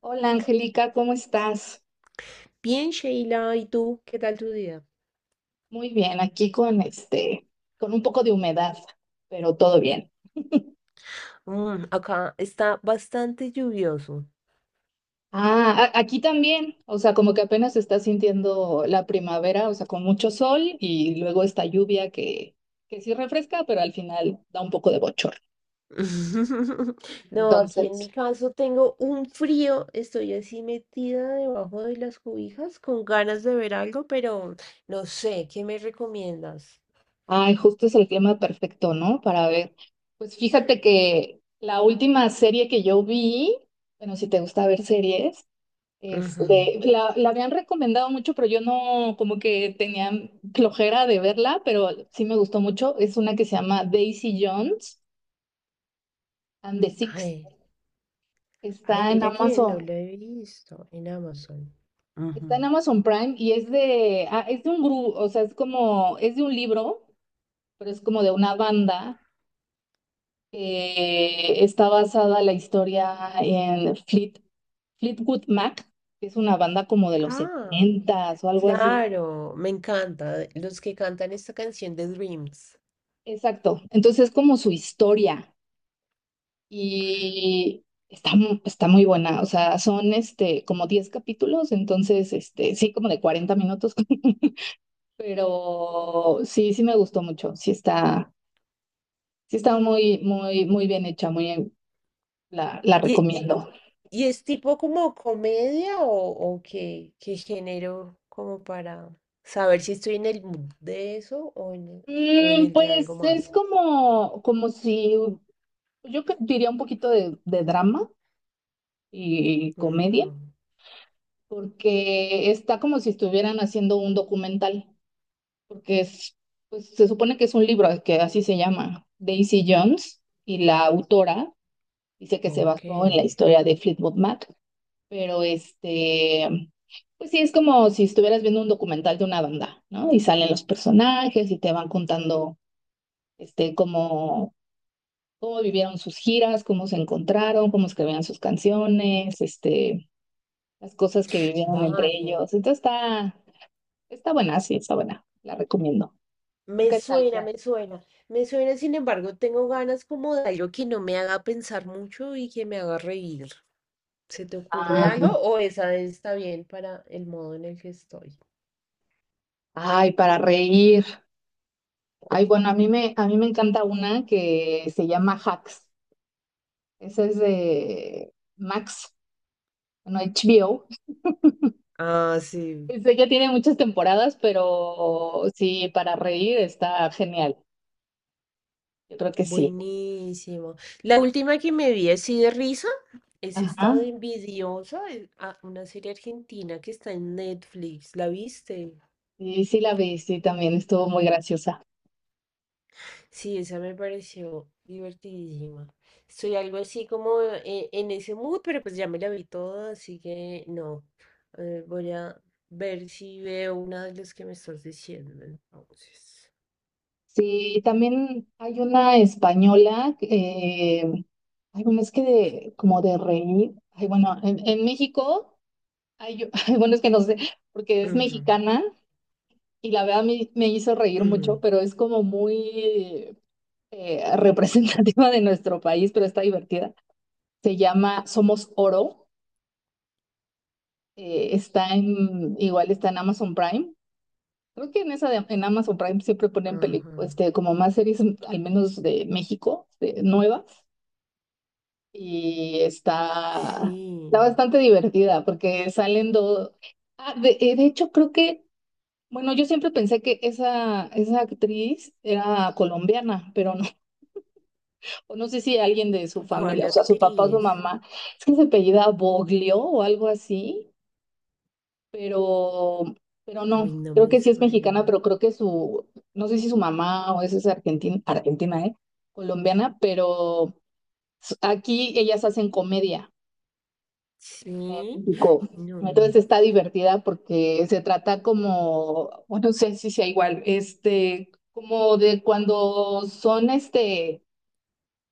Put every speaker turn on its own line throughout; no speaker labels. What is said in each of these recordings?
Hola Angélica, ¿cómo estás?
Bien, Sheila, ¿y tú? ¿Qué tal tu día?
Muy bien, aquí con este, con un poco de humedad, pero todo bien.
Acá está bastante lluvioso.
Ah, aquí también, o sea, como que apenas se está sintiendo la primavera, o sea, con mucho sol y luego esta lluvia que sí refresca, pero al final da un poco de bochorno.
No, aquí en
Entonces,
mi caso tengo un frío, estoy así metida debajo de las cobijas con ganas de ver algo, pero no sé, ¿qué me recomiendas?
ay, justo es el clima perfecto, ¿no? Para ver. Pues fíjate que la última serie que yo vi, bueno, si te gusta ver series.
Ujú.
La habían recomendado mucho, pero yo no, como que tenía flojera de verla, pero sí me gustó mucho. Es una que se llama Daisy Jones and the Six.
Ay, ay,
Está en
mira que no
Amazon,
lo he visto en Amazon. Ujú.
está en Amazon Prime y es de un grupo, o sea, es como, es de un libro, pero es como de una banda que está basada la historia en Fleetwood Mac, que es una banda como de los
Ah,
setentas o algo así.
claro, me encanta, los que cantan esta canción de Dreams.
Exacto. Entonces es como su historia. Y está, está muy buena, o sea, son como 10 capítulos, entonces, sí, como de 40 minutos, pero sí, sí me gustó mucho, sí está muy, muy, muy bien hecha, muy, la recomiendo.
¿Y es tipo como comedia o qué, qué género como para saber si estoy en el mood de eso o en el de algo
Pues es
más?
como, como si, yo diría un poquito de drama y comedia,
Ujú.
porque está como si estuvieran haciendo un documental. Porque es, pues, se supone que es un libro que así se llama, Daisy Jones, y la autora dice que se
Ok,
basó en la historia de Fleetwood Mac, pero pues sí, es como si estuvieras viendo un documental de una banda, ¿no? Y salen los personajes y te van contando este, cómo, cómo vivieron sus giras, cómo se encontraron, cómo escribían sus canciones, las cosas que vivieron entre
vale.
ellos. Entonces está buena, sí, está buena, la recomiendo. ¿Tú
Me
qué tal,
suena, me suena. Me suena, sin embargo, tengo ganas como de algo que no me haga pensar mucho y que me haga reír. ¿Se te ocurre
Kat?
algo o esa está bien para el modo en el que estoy?
Ay, para reír. Ay, bueno, a mí me encanta una que se llama Hacks. Esa es de Max, bueno, HBO.
Ah, sí.
Este ya tiene muchas temporadas, pero sí, para reír está genial. Yo creo que sí.
Buenísimo. La última que me vi así de risa es
Ajá.
esta de Envidiosa, ah, una serie argentina que está en Netflix. ¿La viste?
Sí, sí la vi, sí, también estuvo muy graciosa.
Sí, esa me pareció divertidísima. Estoy algo así como en ese mood, pero pues ya me la vi toda, así que no. Voy a ver si veo una de las que me estás diciendo, entonces.
Sí, también hay una española, ay, bueno, es que de, como de reír. Ay, bueno, en México, hay, ay, bueno, es que no sé, porque es
Ujú,
mexicana y la verdad me hizo reír mucho,
ujú,
pero es como muy representativa de nuestro país, pero está divertida. Se llama Somos Oro, igual está en Amazon Prime. Creo que en esa en Amazon Prime siempre ponen
ajá.
como más series, al menos de México, nuevas, y está
Sí.
bastante divertida porque salen dos... De hecho, creo que... Bueno, yo siempre pensé que esa actriz era colombiana, pero no, o no sé si alguien de su
¿Cuál
familia, o sea, su papá o su
actriz?
mamá, es que se apellida Boglio o algo así, pero, pero no,
Uy, no
creo
me
que sí es mexicana,
suena.
pero creo que su, no sé si su mamá o esa es argentina, argentina, ¿eh? Colombiana, pero aquí ellas hacen comedia, en
Sí,
México.
no.
Entonces está divertida porque se trata como, bueno, no sé si sea igual, como de cuando son,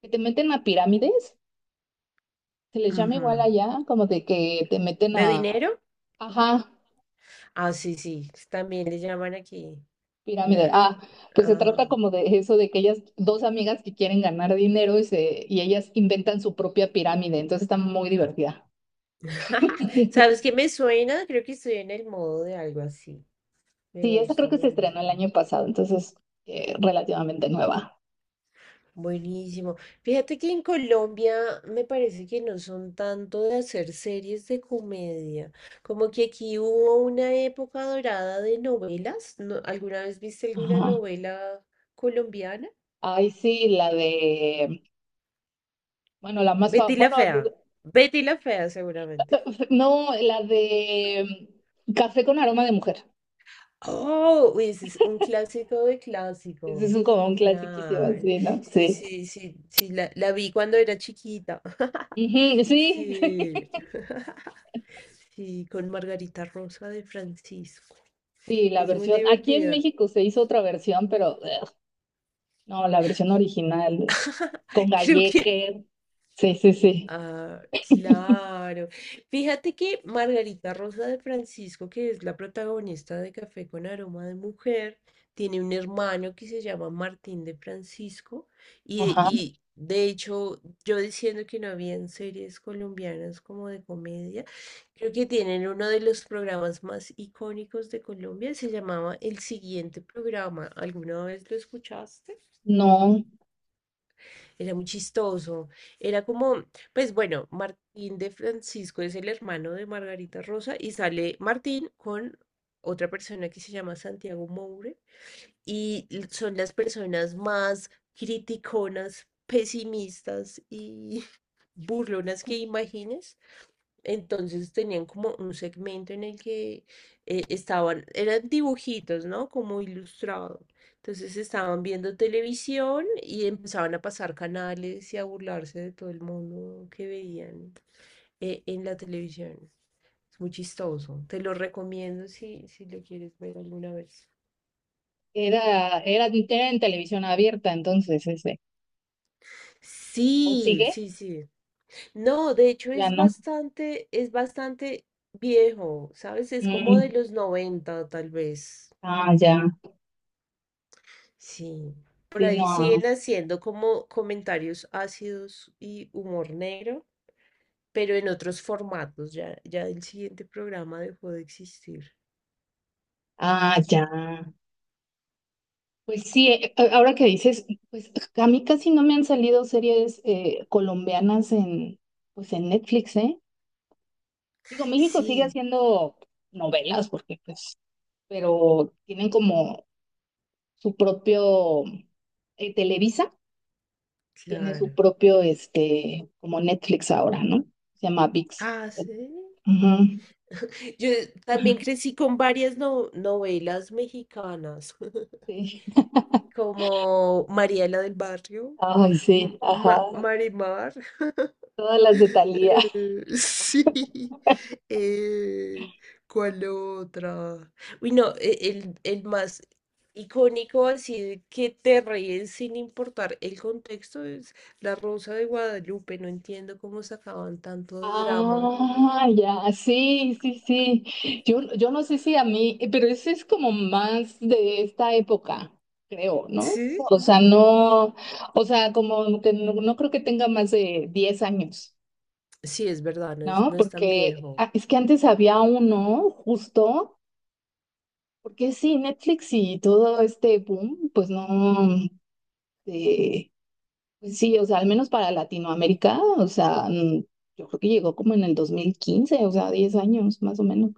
que te meten a pirámides. Se les llama igual
Ajá.
allá, como de que te meten
¿De
a,
dinero?
ajá,
Ah, sí, sí. También le llaman aquí.
pirámide.
Una.
Ah, pues se trata
Ajá.
como de eso, de que ellas, dos amigas que quieren ganar dinero y ellas inventan su propia pirámide, entonces está muy divertida.
¿Sabes qué me suena? Creo que estoy en el modo de algo así. Me
Sí, esa
gusta,
creo que
me
se estrenó el
gusta.
año pasado, entonces relativamente nueva.
Buenísimo. Fíjate que en Colombia me parece que no son tanto de hacer series de comedia, como que aquí hubo una época dorada de novelas. ¿Alguna vez viste alguna
Ajá.
novela colombiana?
Ay, sí, la de, bueno, la más
Betty
famosa,
la
bueno,
Fea. Betty la Fea, seguramente.
no, la de Café con aroma de mujer.
Oh, uy, ese es un clásico de
Ese es
clásicos.
un, como un clasiquísimo,
Claro.
sí, ¿no?
Sí,
Sí.
sí, sí, sí, la vi cuando era chiquita.
Ujú, sí.
Sí. Sí, con Margarita Rosa de Francisco.
Sí, la
Es muy
versión. Aquí en
divertida.
México se hizo otra versión, pero ugh, no, la versión original, güey, con
Creo que...
Galleque. Sí, sí, sí.
Ah, claro. Fíjate que Margarita Rosa de Francisco, que es la protagonista de Café con Aroma de Mujer, tiene un hermano que se llama Martín de Francisco y,
Ajá.
y de hecho yo diciendo que no habían series colombianas como de comedia, creo que tienen uno de los programas más icónicos de Colombia, se llamaba El Siguiente Programa. ¿Alguna vez lo escuchaste?
No,
Era muy chistoso. Era como, pues bueno, Martín de Francisco es el hermano de Margarita Rosa y sale Martín con otra persona que se llama Santiago Moure y son las personas más criticonas, pesimistas y burlonas que imagines. Entonces tenían como un segmento en el que estaban, eran dibujitos, ¿no? Como ilustrado. Entonces estaban viendo televisión y empezaban a pasar canales y a burlarse de todo el mundo que veían en la televisión. Es muy chistoso. Te lo recomiendo si, si lo quieres ver alguna vez.
era en televisión abierta, entonces ese. ¿O
Sí,
sigue?
sí, sí. No, de hecho
Ya no.
es bastante viejo, ¿sabes? Es como de
Mm.
los 90 tal vez.
Ah, ya.
Sí, por
Sí,
ahí
no.
siguen haciendo como comentarios ácidos y humor negro, pero en otros formatos. Ya, el siguiente programa dejó de existir.
Ah, ya. Pues sí, ahora que dices, pues a mí casi no me han salido series colombianas en, pues en Netflix, ¿eh? Digo, México sigue
Sí,
haciendo novelas porque pues pero tienen como su propio, Televisa tiene su
claro.
propio, como Netflix ahora, ¿no? Se llama ViX.
Ah, sí.
Ujú.
Yo también crecí con varias novelas mexicanas,
Sí.
como Mariela del Barrio,
Ay, sí, ajá.
Marimar.
Todas las de Thalía.
Eh, sí. Eh, ¿Cuál otra? Uy, no, el más icónico, así de que te ríes sin importar el contexto, es La Rosa de Guadalupe. No entiendo cómo sacaban tanto drama.
Ah, ya, sí, sí, sí. Yo no sé si a mí, pero ese es como más de esta época, creo, ¿no?
Sí,
O sea, no, o sea, como que no, no creo que tenga más de 10 años.
sí, es verdad, no es,
¿No?
no es tan
Porque
viejo.
es que antes había uno justo, porque sí, Netflix y todo este boom, pues no, eh, pues sí, o sea, al menos para Latinoamérica, o sea, yo creo que llegó como en el 2015 o sea, 10 años más o menos.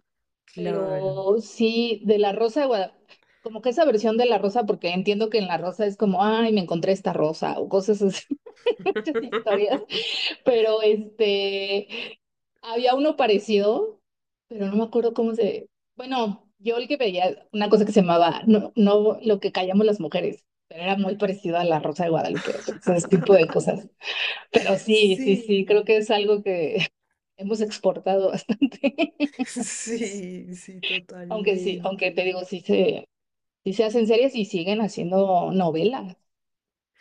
Claro.
Pero sí, de La Rosa de Guadalupe, como que esa versión de La Rosa, porque entiendo que en La Rosa es como, ay, me encontré esta rosa o cosas así, muchas historias, pero este... Había uno parecido, pero no me acuerdo cómo se... Bueno, yo el que veía una cosa que se llamaba, no, no lo que callamos las mujeres, pero era muy parecido a La Rosa de Guadalupe, o sea, ese tipo de cosas. Pero sí, sí, sí, creo
Sí,
que es algo que hemos exportado bastante.
sí,
Aunque sí, aunque te
totalmente.
digo, sí se hacen series y siguen haciendo novelas.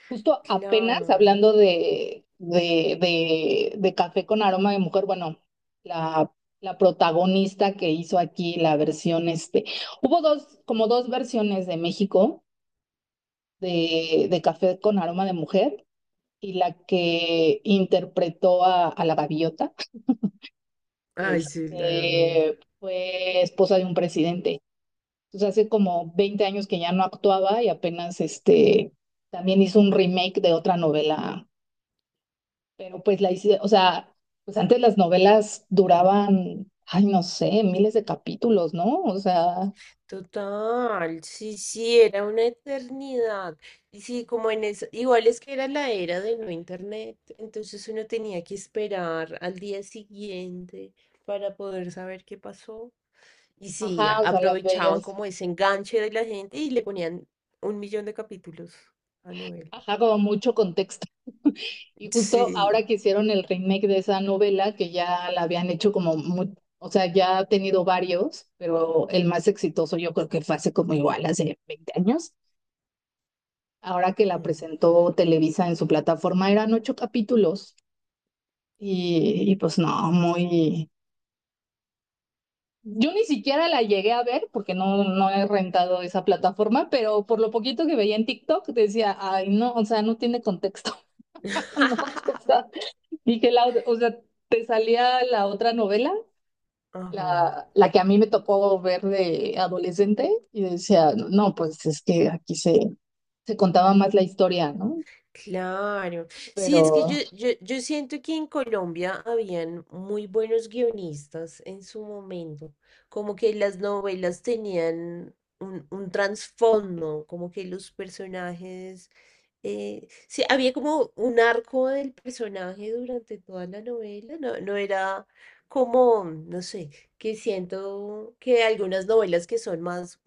Justo apenas
Claro.
hablando de Café con Aroma de Mujer, bueno, la, la protagonista que hizo aquí la versión, hubo dos, como dos versiones de México de Café con Aroma de Mujer y la que interpretó a la gaviota,
Ay, sí, la vida.
fue esposa de un presidente. Entonces hace como 20 años que ya no actuaba y apenas también hizo un remake de otra novela, pero pues la hice, o sea, pues antes las novelas duraban, ay, no sé, miles de capítulos, ¿no? O sea,
Total, sí, sí, era una eternidad. Y sí, como en eso, igual es que era la era de no internet, entonces uno tenía que esperar al día siguiente para poder saber qué pasó. Y sí,
ajá, o sea, las
aprovechaban
veías,
como ese enganche de la gente y le ponían un millón de capítulos a novela.
ajá, como mucho contexto. Y justo ahora
Sí.
que hicieron el remake de esa novela, que ya la habían hecho como, o sea, ya ha tenido varios, pero el más exitoso yo creo que fue hace como igual, hace 20 años. Ahora que la
Mm.
presentó Televisa en su plataforma, eran ocho capítulos y pues no, yo ni siquiera la llegué a ver porque no, no he rentado esa plataforma, pero por lo poquito que veía en TikTok decía, ay, no, o sea, no tiene contexto. No, o sea, dije, o sea, te salía la otra novela,
Ajá.
la que a mí me tocó ver de adolescente, y decía, no, pues es que aquí se contaba más la historia, ¿no?
Claro. Sí, es que
Pero,
yo siento que en Colombia habían muy buenos guionistas en su momento, como que las novelas tenían un trasfondo, como que los personajes, sí, había como un arco del personaje durante toda la novela, no, no era como, no sé, que siento que algunas novelas que son más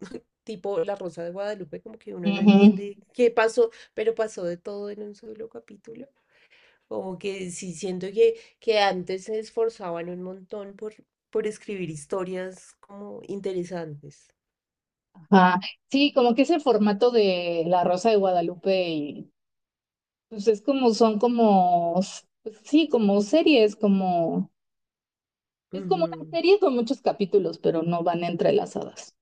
tipo La Rosa de Guadalupe, como que uno no
ujú,
entiende qué pasó, pero pasó de todo en un solo capítulo. Como que sí, siento que antes se esforzaban un montón por escribir historias como interesantes.
ajá. Sí, como que ese formato de La Rosa de Guadalupe y pues es como, son como, pues sí, como series, como, es como una
Ujú.
serie con muchos capítulos, pero no van entrelazadas,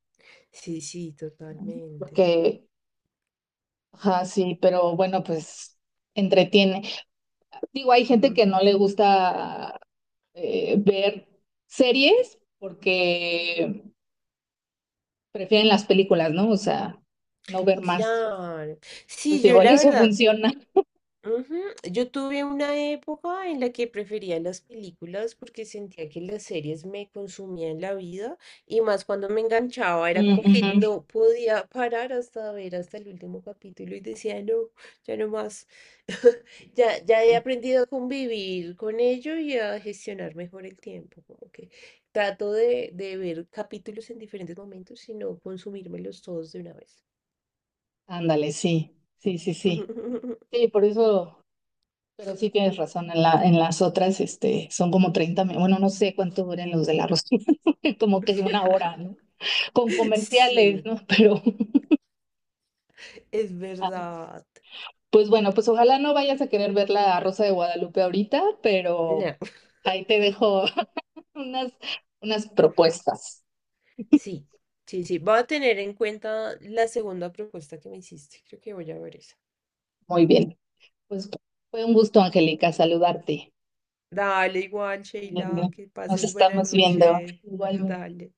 Sí, sí,
¿no?
totalmente.
Porque, ajá, sí, pero bueno, pues entretiene. Digo, hay gente
Ujú.
que no le gusta ver series porque prefieren las películas, ¿no? O sea, no ver más.
Claro.
Pues
Sí, yo
igual
la
eso
verdad...
funciona.
Ujú. Yo tuve una época en la que prefería las películas porque sentía que las series me consumían la vida y más cuando me enganchaba, era como que
Mm,
no podía parar hasta ver hasta el último capítulo y decía, no, ya no más. Ya he
ujú.
aprendido a convivir con ello y a gestionar mejor el tiempo, como que trato de ver capítulos en diferentes momentos y no consumírmelos todos de una vez.
Ándale, sí, sí, sí, sí. Sí, por eso. Pero sí tienes razón, en las otras son como 30 minutos, bueno, no sé cuánto duran los de la rosita como que una hora, ¿no? Con comerciales,
Sí.
¿no? Pero,
Es
ah,
verdad.
pues bueno, pues ojalá no vayas a querer ver la Rosa de Guadalupe ahorita, pero
No,
ahí te dejo unas, unas propuestas.
sí, sí, sí. Voy a tener en cuenta la segunda propuesta que me hiciste. Creo que voy a ver esa.
Muy bien, pues fue un gusto, Angélica, saludarte.
Dale, igual,
Muy
Sheila,
bien.
que
Nos
pases buena
estamos viendo.
noche.
Igualmente.
Dale.